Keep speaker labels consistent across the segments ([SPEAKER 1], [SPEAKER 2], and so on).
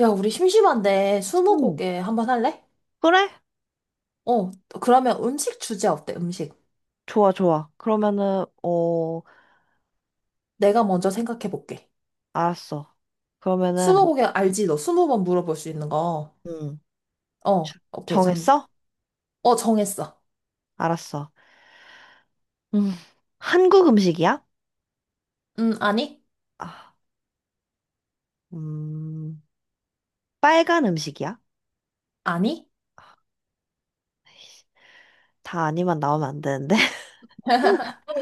[SPEAKER 1] 야, 우리 심심한데
[SPEAKER 2] 응.
[SPEAKER 1] 스무고개 한번 할래?
[SPEAKER 2] 그래?
[SPEAKER 1] 어, 그러면 음식 주제 어때? 음식.
[SPEAKER 2] 좋아, 좋아. 그러면은, 어,
[SPEAKER 1] 내가 먼저 생각해 볼게.
[SPEAKER 2] 알았어. 그러면은,
[SPEAKER 1] 스무고개 알지? 너 20번 물어볼 수 있는 거.
[SPEAKER 2] 응. 주-
[SPEAKER 1] 오케이, 잠.
[SPEAKER 2] 정했어?
[SPEAKER 1] 정했어.
[SPEAKER 2] 알았어. 음, 한국 음식이야?
[SPEAKER 1] 아니?
[SPEAKER 2] 아, 음, 빨간 음식이야?
[SPEAKER 1] 아니?
[SPEAKER 2] 에이씨, 다 아니만 나오면 안 되는데.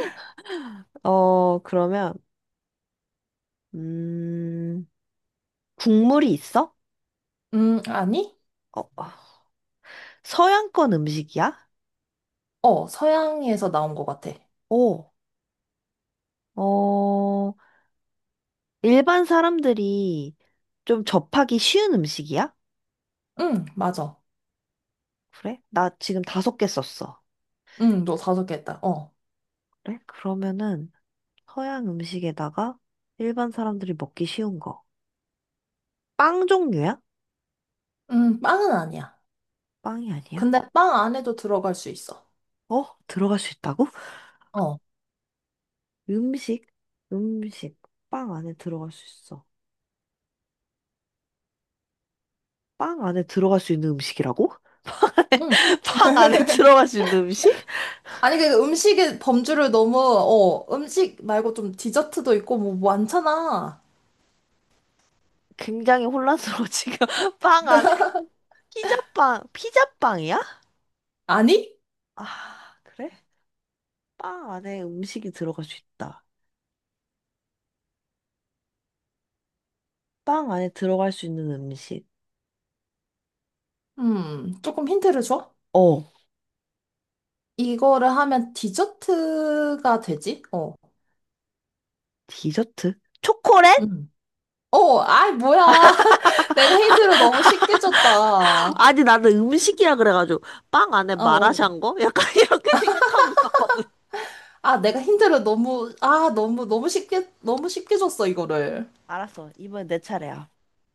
[SPEAKER 2] 어, 그러면, 음, 국물이 있어?
[SPEAKER 1] 아니?
[SPEAKER 2] 어, 어. 서양권 음식이야?
[SPEAKER 1] 서양에서 나온 것 같아.
[SPEAKER 2] 오, 어, 일반 사람들이 좀 접하기 쉬운 음식이야?
[SPEAKER 1] 응, 맞아.
[SPEAKER 2] 그래? 나 지금 다섯 개 썼어.
[SPEAKER 1] 응, 너 5개 했다. 어.
[SPEAKER 2] 그래? 그러면은 서양 음식에다가 일반 사람들이 먹기 쉬운 거. 빵 종류야?
[SPEAKER 1] 빵은 아니야.
[SPEAKER 2] 빵이 아니야?
[SPEAKER 1] 근데 빵 안에도 들어갈 수 있어.
[SPEAKER 2] 어? 들어갈 수 있다고?
[SPEAKER 1] 어.
[SPEAKER 2] 음식? 음식. 빵 안에 들어갈 수 있어. 빵 안에 들어갈 수 있는 음식이라고?
[SPEAKER 1] 응.
[SPEAKER 2] 빵 안에 들어갈 수 있는 음식?
[SPEAKER 1] 아니, 그 음식의 범주를 너무, 음식 말고 좀 디저트도 있고 뭐 많잖아.
[SPEAKER 2] 굉장히 혼란스러워, 지금. 빵 안에. 피자빵. 피자빵이야?
[SPEAKER 1] 아니?
[SPEAKER 2] 아, 그래? 빵 안에 음식이 들어갈 수 있다. 빵 안에 들어갈 수 있는 음식.
[SPEAKER 1] 조금 힌트를 줘?
[SPEAKER 2] 어.
[SPEAKER 1] 이거를 하면 디저트가 되지?
[SPEAKER 2] 디저트? 초콜릿?
[SPEAKER 1] 음. 아이, 뭐야. 내가 힌트를 너무 쉽게 줬다.
[SPEAKER 2] 아니, 나는 음식이라 그래가지고, 빵 안에
[SPEAKER 1] 어.
[SPEAKER 2] 마라샹궈? 거? 약간 이렇게 생각하고 있었거든.
[SPEAKER 1] 아, 내가 힌트를 너무, 너무, 너무 쉽게, 너무 쉽게 줬어, 이거를.
[SPEAKER 2] 알았어. 이번엔 내 차례야.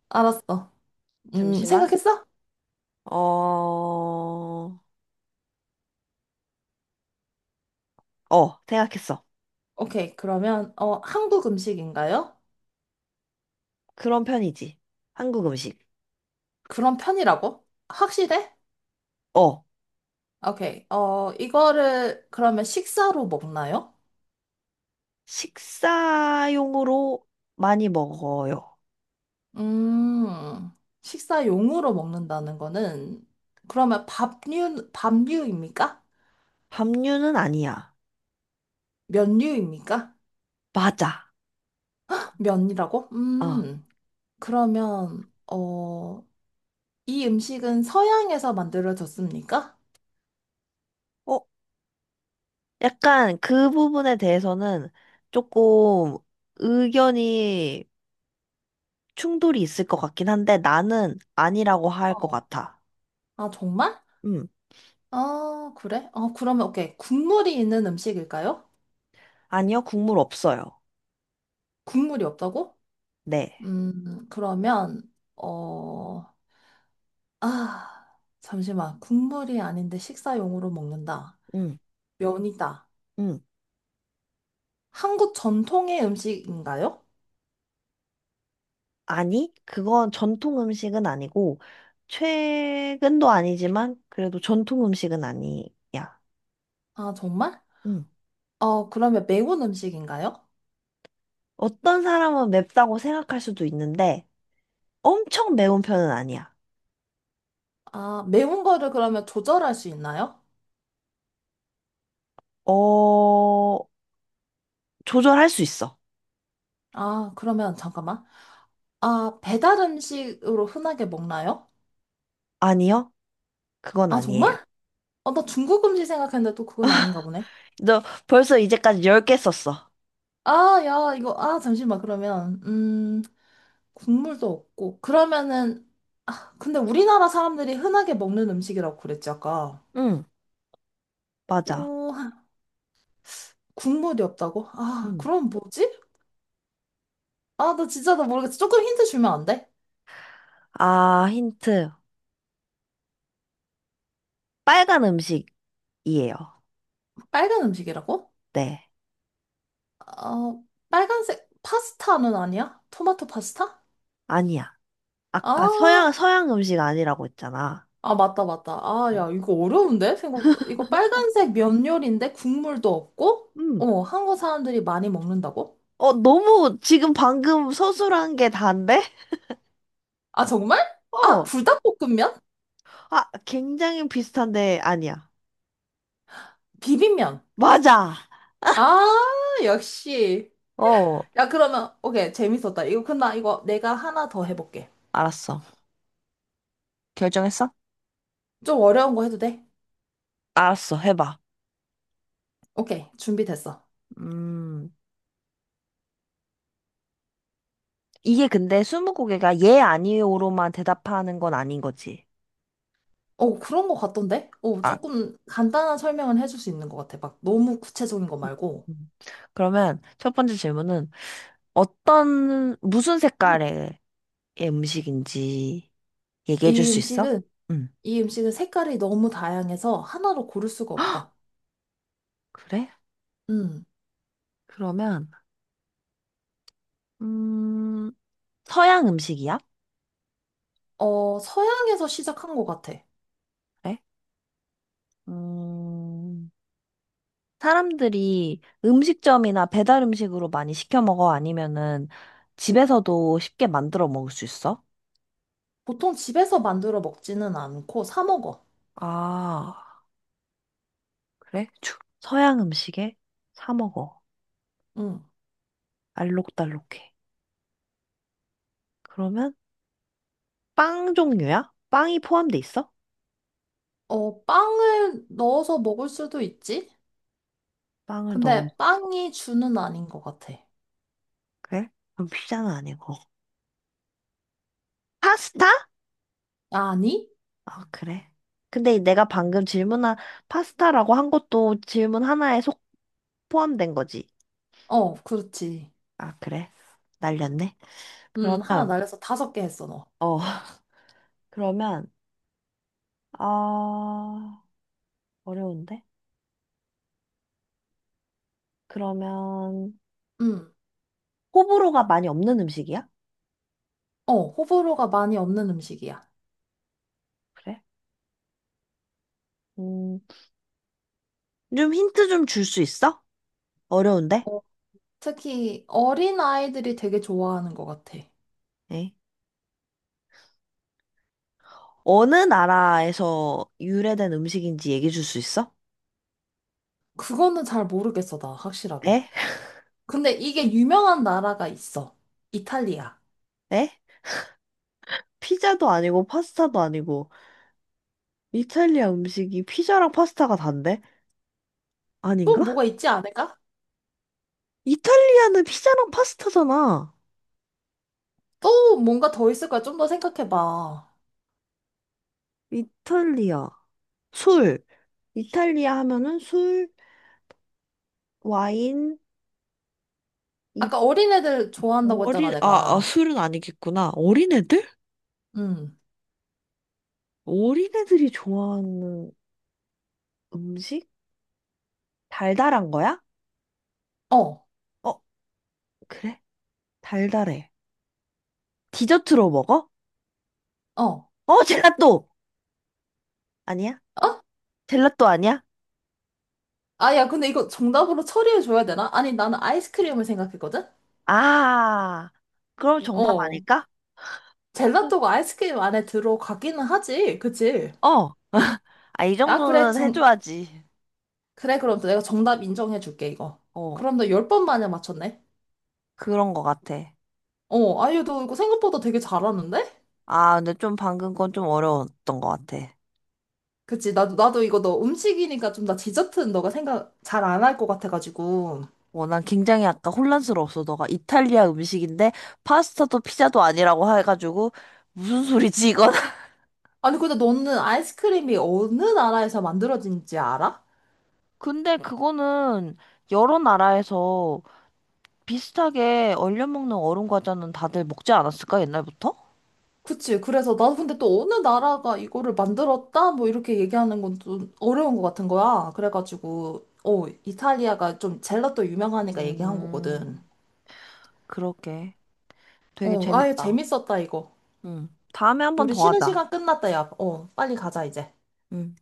[SPEAKER 1] 알았어.
[SPEAKER 2] 잠시만.
[SPEAKER 1] 생각했어?
[SPEAKER 2] 어, 어, 생각했어.
[SPEAKER 1] 오케이. 그러면, 한국 음식인가요?
[SPEAKER 2] 그런 편이지. 한국 음식.
[SPEAKER 1] 그런 편이라고? 확실해?
[SPEAKER 2] 어,
[SPEAKER 1] 오케이. 이거를 그러면 식사로 먹나요?
[SPEAKER 2] 식사용으로 많이 먹어요.
[SPEAKER 1] 음, 식사용으로 먹는다는 거는 그러면 밥류입니까?
[SPEAKER 2] 밥류는 아니야.
[SPEAKER 1] 면류입니까?
[SPEAKER 2] 맞아.
[SPEAKER 1] 면이라고?
[SPEAKER 2] 어,
[SPEAKER 1] 그러면 이 음식은 서양에서 만들어졌습니까?
[SPEAKER 2] 어, 약간 그 부분에 대해서는 조금 의견이 충돌이 있을 것 같긴 한데 나는 아니라고 할 것
[SPEAKER 1] 어.
[SPEAKER 2] 같아.
[SPEAKER 1] 아, 정말?
[SPEAKER 2] 음.
[SPEAKER 1] 아, 그래? 그러면 오케이. 국물이 있는 음식일까요?
[SPEAKER 2] 아니요, 국물 없어요.
[SPEAKER 1] 국물이 없다고?
[SPEAKER 2] 네.
[SPEAKER 1] 그러면 어, 잠시만. 국물이 아닌데 식사용으로 먹는다.
[SPEAKER 2] 음.
[SPEAKER 1] 면이다.
[SPEAKER 2] 음.
[SPEAKER 1] 한국 전통의 음식인가요?
[SPEAKER 2] 아니, 그건 전통 음식은 아니고 최근도 아니지만 그래도 전통 음식은 아니야.
[SPEAKER 1] 아, 정말?
[SPEAKER 2] 음.
[SPEAKER 1] 그러면 매운 음식인가요?
[SPEAKER 2] 어떤 사람은 맵다고 생각할 수도 있는데 엄청 매운 편은 아니야.
[SPEAKER 1] 아, 매운 거를 그러면 조절할 수 있나요?
[SPEAKER 2] 어, 조절할 수 있어.
[SPEAKER 1] 아, 그러면 잠깐만. 아, 배달 음식으로 흔하게 먹나요?
[SPEAKER 2] 아니요, 그건
[SPEAKER 1] 아,
[SPEAKER 2] 아니에요.
[SPEAKER 1] 정말? 나 중국 음식 생각했는데 또 그건 아닌가 보네.
[SPEAKER 2] 너 벌써 이제까지 10개 썼어.
[SPEAKER 1] 아, 야, 이거, 잠시만. 그러면, 국물도 없고. 그러면은, 근데 우리나라 사람들이 흔하게 먹는 음식이라고 그랬지, 아까.
[SPEAKER 2] 응, 맞아.
[SPEAKER 1] 오, 국물이 없다고? 아,
[SPEAKER 2] 음.
[SPEAKER 1] 그럼 뭐지? 아, 나 진짜 나 모르겠어. 조금 힌트 주면 안 돼?
[SPEAKER 2] 아, 힌트. 빨간 음식이에요.
[SPEAKER 1] 빨간 음식이라고?
[SPEAKER 2] 네.
[SPEAKER 1] 어, 빨간색 파스타는 아니야? 토마토 파스타?
[SPEAKER 2] 아니야.
[SPEAKER 1] 아,
[SPEAKER 2] 아까 서양 음식 아니라고 했잖아.
[SPEAKER 1] 아, 맞다, 맞다. 아, 야, 이거 어려운데? 이거 빨간색 면 요리인데 국물도 없고?
[SPEAKER 2] 음.
[SPEAKER 1] 한국 사람들이 많이 먹는다고?
[SPEAKER 2] 어, 너무 지금 방금 서술한 게 단데?
[SPEAKER 1] 아, 정말? 아,
[SPEAKER 2] 어.
[SPEAKER 1] 불닭볶음면?
[SPEAKER 2] 아, 굉장히 비슷한데 아니야.
[SPEAKER 1] 비빔면.
[SPEAKER 2] 맞아.
[SPEAKER 1] 아, 역시.
[SPEAKER 2] 어,
[SPEAKER 1] 야, 그러면, 오케이, 재밌었다. 그럼 나 이거 내가 하나 더 해볼게.
[SPEAKER 2] 알았어. 결정했어?
[SPEAKER 1] 좀 어려운 거 해도 돼?
[SPEAKER 2] 알았어. 해봐.
[SPEAKER 1] 오케이, 준비됐어.
[SPEAKER 2] 음, 이게 근데 스무고개가 예, 아니요로만 대답하는 건 아닌 거지.
[SPEAKER 1] 그런 거 같던데?
[SPEAKER 2] 아,
[SPEAKER 1] 조금 간단한 설명은 해줄 수 있는 것 같아. 막 너무 구체적인 거 말고.
[SPEAKER 2] 음. 그러면 첫 번째 질문은 어떤, 무슨 색깔의 음식인지 얘기해 줄
[SPEAKER 1] 이
[SPEAKER 2] 수 있어?
[SPEAKER 1] 음식은,
[SPEAKER 2] 응.
[SPEAKER 1] 이 음식은 색깔이 너무 다양해서 하나로 고를 수가 없다.
[SPEAKER 2] 그래?
[SPEAKER 1] 음,
[SPEAKER 2] 그러면, 음, 서양 음식이야?
[SPEAKER 1] 서양에서 시작한 것 같아.
[SPEAKER 2] 그래? 음, 사람들이 음식점이나 배달 음식으로 많이 시켜 먹어? 아니면은 집에서도 쉽게 만들어 먹을 수 있어?
[SPEAKER 1] 보통 집에서 만들어 먹지는 않고 사 먹어.
[SPEAKER 2] 아, 그래? 서양 음식에 사 먹어.
[SPEAKER 1] 음,
[SPEAKER 2] 알록달록해. 그러면 빵 종류야? 빵이 포함돼 있어?
[SPEAKER 1] 빵을 넣어서 먹을 수도 있지?
[SPEAKER 2] 빵을 넣으면
[SPEAKER 1] 근데 빵이 주는 아닌 것 같아.
[SPEAKER 2] 그래? 그럼 피자는 아니고. 파스타?
[SPEAKER 1] 아니?
[SPEAKER 2] 아, 그래. 근데 내가 방금 질문한 파스타라고 한 것도 질문 하나에 속 포함된 거지.
[SPEAKER 1] 어, 그렇지.
[SPEAKER 2] 아, 그래. 날렸네. 그러면,
[SPEAKER 1] 하나 날려서 5개 했어, 너.
[SPEAKER 2] 어, 그러면, 아, 어려운데? 그러면,
[SPEAKER 1] 음,
[SPEAKER 2] 호불호가 많이 없는 음식이야?
[SPEAKER 1] 호불호가 많이 없는 음식이야.
[SPEAKER 2] 그래. 음, 좀 힌트 좀 줄 수 있어? 어려운데?
[SPEAKER 1] 어, 특히 어린 아이들이 되게 좋아하는 것 같아.
[SPEAKER 2] 에? 어느 나라에서 유래된 음식인지 얘기해 줄 수 있어?
[SPEAKER 1] 그거는 잘 모르겠어, 나 확실하게.
[SPEAKER 2] 에?
[SPEAKER 1] 근데 이게 유명한 나라가 있어. 이탈리아.
[SPEAKER 2] 에? 피자도 아니고 파스타도 아니고. 이탈리아 음식이 피자랑 파스타가 단데?
[SPEAKER 1] 또
[SPEAKER 2] 아닌가?
[SPEAKER 1] 뭐가 있지 않을까?
[SPEAKER 2] 이탈리아는 피자랑 파스타잖아.
[SPEAKER 1] 또 뭔가 더 있을 거야. 좀 더 생각해봐.
[SPEAKER 2] 이탈리아. 술. 이탈리아 하면은 술, 와인, 이
[SPEAKER 1] 아까 어린애들 좋아한다고 했잖아,
[SPEAKER 2] 어린, 아,
[SPEAKER 1] 내가.
[SPEAKER 2] 술은 아니겠구나. 어린애들?
[SPEAKER 1] 음.
[SPEAKER 2] 어린애들이 좋아하는 음식? 달달한 거야?
[SPEAKER 1] 어,
[SPEAKER 2] 어, 그래? 달달해. 디저트로 먹어?
[SPEAKER 1] 어.
[SPEAKER 2] 어, 젤라또! 아니야? 젤라또 아니야?
[SPEAKER 1] 아, 야, 근데 이거 정답으로 처리해줘야 되나? 아니, 나는 아이스크림을 생각했거든?
[SPEAKER 2] 아, 그럼 정답
[SPEAKER 1] 어.
[SPEAKER 2] 아닐까?
[SPEAKER 1] 젤라또가 아이스크림 안에 들어가기는 하지. 그치?
[SPEAKER 2] 어, 아, 이
[SPEAKER 1] 아, 그래.
[SPEAKER 2] 정도는 해줘야지.
[SPEAKER 1] 그래, 그럼 또 내가 정답 인정해 줄게, 이거.
[SPEAKER 2] 어,
[SPEAKER 1] 그럼 너 10번 만에 맞췄네?
[SPEAKER 2] 그런 것 같아.
[SPEAKER 1] 아유, 너 이거 생각보다 되게 잘하는데?
[SPEAKER 2] 아, 근데 좀 방금 건 좀 어려웠던 것 같아.
[SPEAKER 1] 그치, 나도 이거 너 음식이니까 좀 나 디저트는 너가 생각 잘 안 할 것 같아가지고.
[SPEAKER 2] 어, 난 굉장히 아까 혼란스러웠어. 너가 이탈리아 음식인데 파스타도 피자도 아니라고 해가지고 무슨 소리지, 이건?
[SPEAKER 1] 아니, 근데 너는 아이스크림이 어느 나라에서 만들어진지 알아?
[SPEAKER 2] 근데 그거는 여러 나라에서 비슷하게 얼려 먹는 얼음 과자는 다들 먹지 않았을까, 옛날부터?
[SPEAKER 1] 그치, 그래서 나도 근데 또 어느 나라가 이거를 만들었다? 뭐 이렇게 얘기하는 건 좀 어려운 것 같은 거야. 그래가지고, 이탈리아가 좀 젤라또 유명하니까 얘기한 거거든.
[SPEAKER 2] 음, 그렇게. 되게
[SPEAKER 1] 아유,
[SPEAKER 2] 재밌다.
[SPEAKER 1] 재밌었다, 이거.
[SPEAKER 2] 응. 다음에 한 번
[SPEAKER 1] 우리
[SPEAKER 2] 더
[SPEAKER 1] 쉬는
[SPEAKER 2] 하자.
[SPEAKER 1] 시간 끝났다, 야. 빨리 가자, 이제.
[SPEAKER 2] 응.